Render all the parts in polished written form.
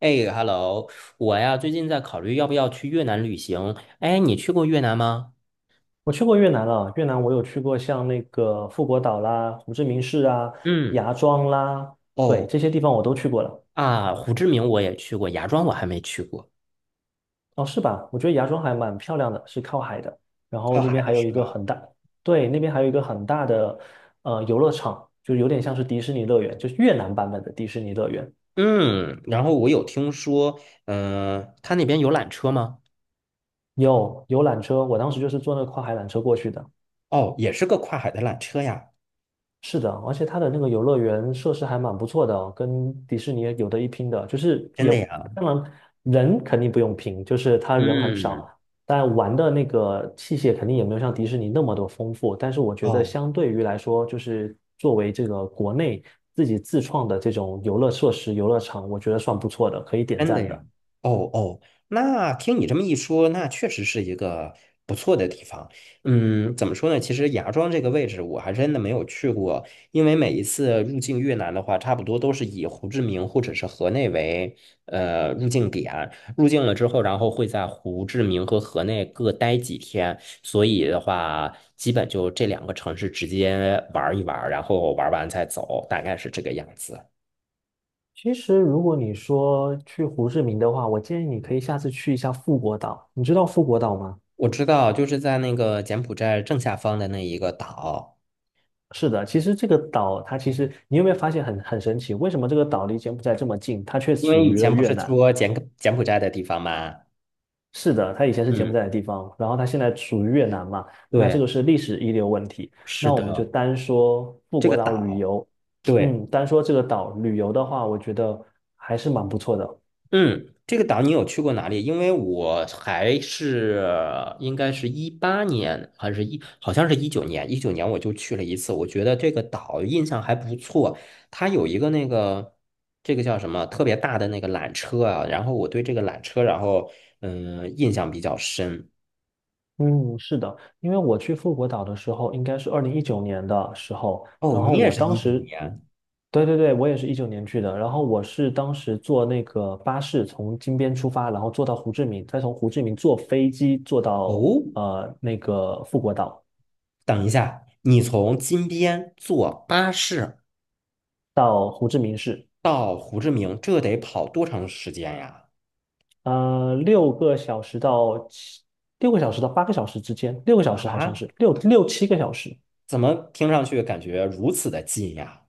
哎，Hello，我呀最近在考虑要不要去越南旅行。哎，你去过越南吗？我去过越南了，越南我有去过像那个富国岛啦、胡志明市啊、嗯，芽庄啦，对，哦这些地方我都去过了。啊，胡志明我也去过，芽庄我还没去过。哦，是吧？我觉得芽庄还蛮漂亮的，是靠海的。然后靠那海边的还有一是个吧？很大，对，那边还有一个很大的游乐场，就有点像是迪士尼乐园，就是越南版本的迪士尼乐园。嗯，然后我有听说，嗯、他那边有缆车吗？有缆车，我当时就是坐那个跨海缆车过去的。哦，也是个跨海的缆车呀。是的，而且它的那个游乐园设施还蛮不错的哦，跟迪士尼有的一拼的。就是真也的呀？当然人肯定不用拼，就是他人很少，嗯，但玩的那个器械肯定也没有像迪士尼那么多丰富。但是我觉得哦。相对于来说，就是作为这个国内自己自创的这种游乐设施、游乐场，我觉得算不错的，可以点真的赞呀，的。哦哦，那听你这么一说，那确实是一个不错的地方。嗯，怎么说呢？其实芽庄这个位置我还真的没有去过，因为每一次入境越南的话，差不多都是以胡志明或者是河内为入境点。入境了之后，然后会在胡志明和河内各待几天，所以的话，基本就这两个城市直接玩一玩，然后玩完再走，大概是这个样子。其实，如果你说去胡志明的话，我建议你可以下次去一下富国岛。你知道富国岛吗？我知道，就是在那个柬埔寨正下方的那一个岛，是的，其实这个岛它，其实你有没有发现很神奇？为什么这个岛离柬埔寨这么近，它却因为属以于了前不越是南？说柬埔寨的地方吗？是的，它以前是柬埔嗯，寨的地方，然后它现在属于越南嘛？那这个对，是历史遗留问题。是那我们就的，单说富这国个岛旅岛，游，对，嗯，单说这个岛旅游的话，我觉得还是蛮不错的。嗯，这个岛你有去过哪里？因为我还是应该是18年还是好像是一九年我就去了一次，我觉得这个岛印象还不错，它有一个那个。这个叫什么特别大的那个缆车啊，然后我对这个缆车，然后嗯印象比较深。嗯，是的，因为我去富国岛的时候，应该是2019年的时候，然哦，后你也我是当一九时，年对对对，我也是一九年去的，然后我是当时坐那个巴士从金边出发，然后坐到胡志明，再从胡志明坐飞机坐到哦。那个富国岛，等一下，你从金边坐巴士到胡志明市，到胡志明，这得跑多长时间呀？呃，六个小时到七，6个小时到8个小时之间，六个小时好像啊，是六7个小时，怎么听上去感觉如此的近呀？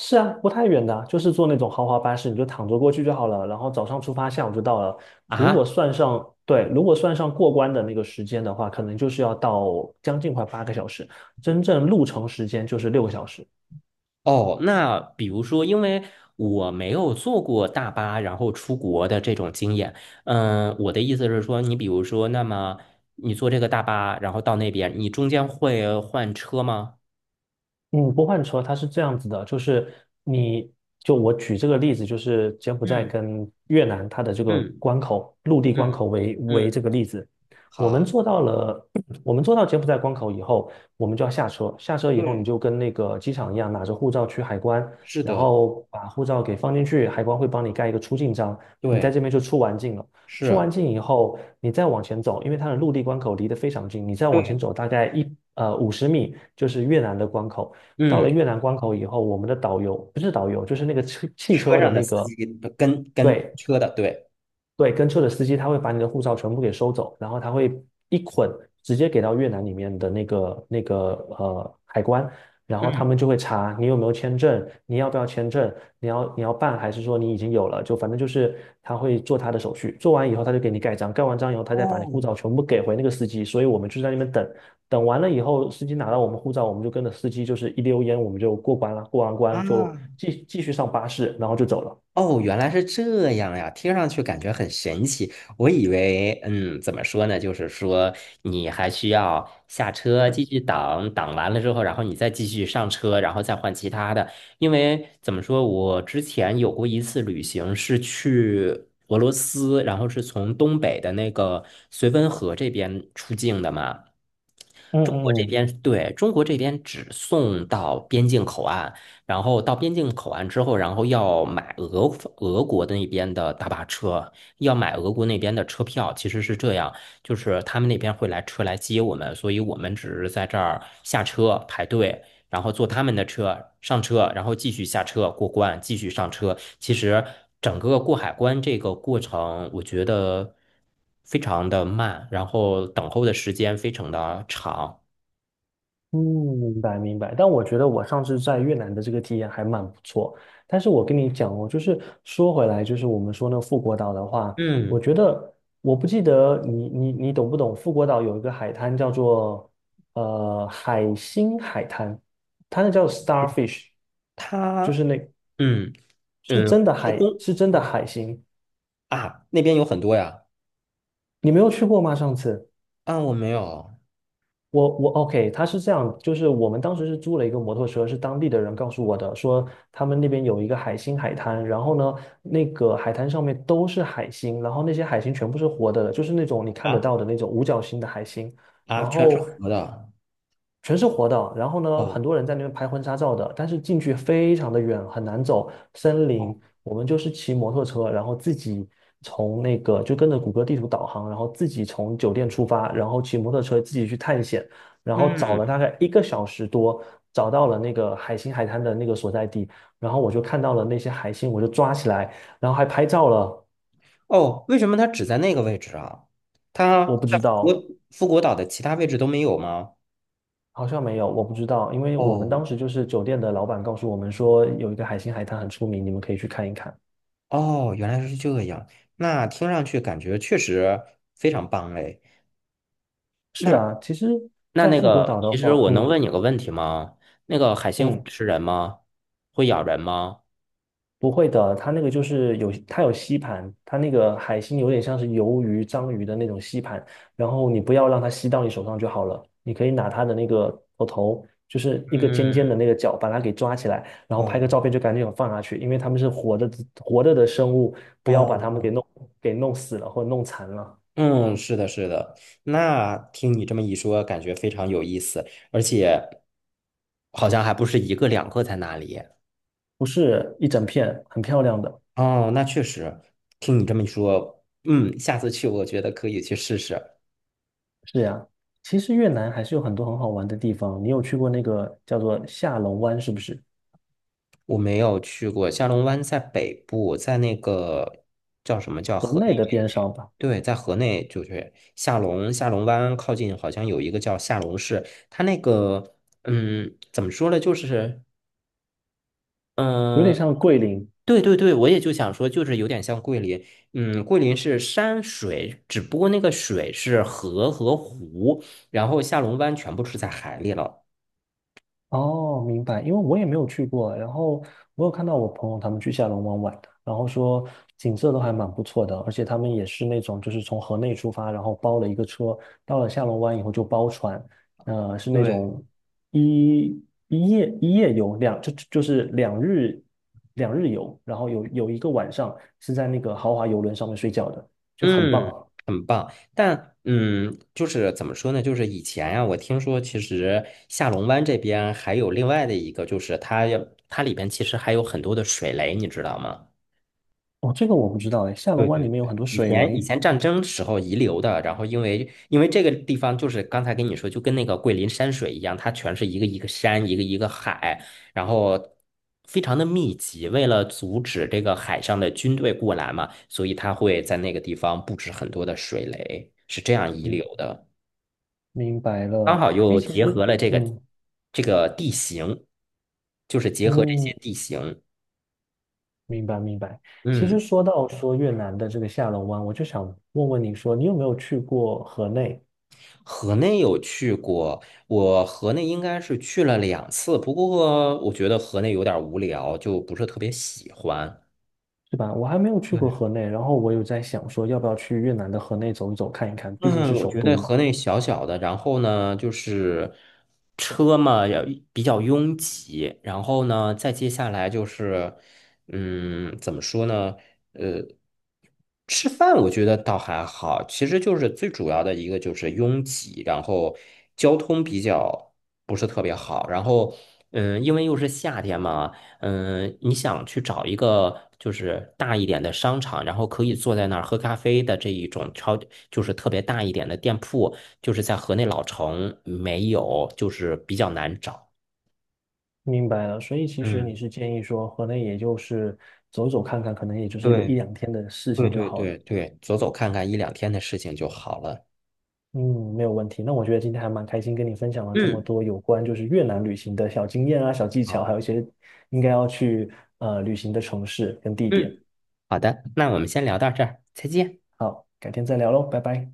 是啊，不太远的啊，就是坐那种豪华巴士，你就躺着过去就好了。然后早上出发，下午就到了。如果啊，算上，对，如果算上过关的那个时间的话，可能就是要到将近快八个小时，真正路程时间就是六个小时。哦，那比如说，因为我没有坐过大巴，然后出国的这种经验，嗯，我的意思是说，你比如说，那么你坐这个大巴，然后到那边，你中间会换车吗？嗯，不换车，它是这样子的，就是你，就我举这个例子，就是柬埔寨嗯跟越南它的这个嗯关口，陆地关嗯口为嗯，这个例子，我们好。做到了，我们做到柬埔寨关口以后，我们就要下车，下车以后你对。就跟那个机场一样，拿着护照去海关，是然的，后把护照给放进去，海关会帮你盖一个出境章，你在这对，边就出完境了。出完是，境以后，你再往前走，因为它的陆地关口离得非常近，你再往前对，走大概50米，就是越南的关口。到了嗯，越南关口以后，我们的导游不是导游，就是那个汽汽车车的上的那司个，机跟跟对，车的，对，对，跟车的司机他会把你的护照全部给收走，然后他会一捆直接给到越南里面的那个海关，然后他嗯，们就会查你有没有签证，你要不要签证，你要办还是说你已经有了，就反正就是他会做他的手续，做完以后他就给你盖章，盖完章以后他再把你护哦，照全部给回那个司机，所以我们就在那边等，等完了以后司机拿到我们护照，我们就跟着司机就是一溜烟我们就过关了，过完啊，关就继续上巴士，然后就走了。哦，原来是这样呀，听上去感觉很神奇。我以为，嗯，怎么说呢？就是说，你还需要下车继续等，等完了之后，然后你再继续上车，然后再换其他的。因为怎么说，我之前有过一次旅行，是去俄罗斯，然后是从东北的那个绥芬河这边出境的嘛。嗯中国这嗯边，对，中国这边只送到边境口岸。然后到边境口岸之后，然后要买俄国的那边的大巴车，要买俄国那边的车票。其实是这样，就是他们那边会来车来接我们，所以我们只是在这儿下车排队，然后坐他们的车上车，然后继续下车过关，继续上车。其实整个过海关这个过程，我觉得非常的慢，然后等候的时间非常的长。嗯，明白明白，但我觉得我上次在越南的这个体验还蛮不错。但是我跟你讲哦，就是说回来，就是我们说那个富国岛的话，我嗯，觉得，我不记得你，你懂不懂？富国岛有一个海滩叫做海星海滩，它那叫 starfish，就他，是那嗯嗯是公。是真的海星，啊，那边有很多呀。你没有去过吗？上次？啊，我没有我 OK，他是这样，就是我们当时是租了一个摩托车，是当地的人告诉我的，说他们那边有一个海星海滩，然后呢，那个海滩上面都是海星，然后那些海星全部是活的，就是那种你看得啊到的那种五角星的海星，啊，然全是后河的。全是活的。然后呢，很哦，多人在那边拍婚纱照的，但是进去非常的远，很难走森哦，林。我们就是骑摩托车，然后自己从那个，就跟着谷歌地图导航，然后自己从酒店出发，然后骑摩托车自己去探险，然后找了嗯，大概1个小时多，找到了那个海星海滩的那个所在地，然后我就看到了那些海星，我就抓起来，然后还拍照了。哦，为什么它只在那个位置啊？它我不在知富国道。富国岛的其他位置都没有吗？好像没有，我不知道，因为我们哦当时就是酒店的老板告诉我们说，有一个海星海滩很出名，你们可以去看一看。哦，原来是这样。那听上去感觉确实非常棒哎。是那啊，其实，那在那富国个，岛的其实话，我能嗯问你个问题吗？那个海星会嗯，吃人吗？会咬人吗？不会的，它那个就是有，它有吸盘，它那个海星有点像是鱿鱼、章鱼的那种吸盘，然后你不要让它吸到你手上就好了，你可以拿哦它的那个头头，就是一个尖尖嗯，的那个角，把它给抓起来，然后拍个哦照片就赶紧放下去，因为它们是活着的生物，不要把它们给哦，弄死了或者弄残了。嗯，是的，是的。那听你这么一说，感觉非常有意思，而且好像还不是一个两个在哪里。不是，一整片，很漂亮的。哦，那确实，听你这么一说，嗯，下次去我觉得可以去试试。是呀，其实越南还是有很多很好玩的地方。你有去过那个叫做下龙湾，是不是？我没有去过下龙湾，在北部，在那个叫什么叫河河内的内？边上吧，对，在河内就是下龙湾靠近，好像有一个叫下龙市，它那个嗯，怎么说呢，就是。有点嗯。像桂林，对对对，我也就想说，就是有点像桂林，嗯，桂林是山水，只不过那个水是河和湖，然后下龙湾全部是在海里了。哦，明白，因为我也没有去过，然后我有看到我朋友他们去下龙湾玩的，然后说景色都还蛮不错的，而且他们也是那种就是从河内出发，然后包了一个车，到了下龙湾以后就包船，是那对，种一一夜一夜游，两就就是两日两日游，然后有一个晚上是在那个豪华游轮上面睡觉的，就很嗯，棒。很棒。但嗯，就是怎么说呢？就是以前呀、我听说其实下龙湾这边还有另外的一个，就是它要它里边其实还有很多的水雷，你知道吗？哦，这个我不知道哎，下龙对湾里对面有很对，多以水前以雷，前战争时候遗留的，然后因为这个地方就是刚才跟你说，就跟那个桂林山水一样，它全是一个一个山，一个一个海，然后非常的密集。为了阻止这个海上的军队过来嘛，所以它会在那个地方布置很多的水雷，是这样遗嗯，留的。明白刚了。好哎，又其结实，合了这个嗯，地形，就是结合这嗯，些地形，明白明白。其实嗯。说到说越南的这个下龙湾，我就想问问你说，你有没有去过河内，河内有去过，我河内应该是去了两次，不过我觉得河内有点无聊，就不是特别喜欢。是吧？我还没有去过对河内，然后我有在想说，要不要去越南的河内走一走，看一看，毕竟嗯，是我首觉得都和嘛。那小小的，然后呢，就是车嘛，要比较拥挤，然后呢，再接下来就是，嗯，怎么说呢？呃，吃饭我觉得倒还好，其实就是最主要的一个就是拥挤，然后交通比较不是特别好，然后嗯，因为又是夏天嘛。嗯，你想去找一个就是大一点的商场，然后可以坐在那儿喝咖啡的这一种超，就是特别大一点的店铺，就是在河内老城没有，就是比较难找。明白了，所以其实你嗯，是建议说，河内也就是走走看看，可能也就是一个一对，两天的事对情就对好对了。对，走走看看一两天的事情就好了。嗯，没有问题。那我觉得今天还蛮开心，跟你分享了这么嗯，多有关就是越南旅行的小经验啊、小技巧，还有好，一些应该要去旅行的城市跟地点。嗯，好的，那我们先聊到这儿，再见。好，改天再聊喽，拜拜。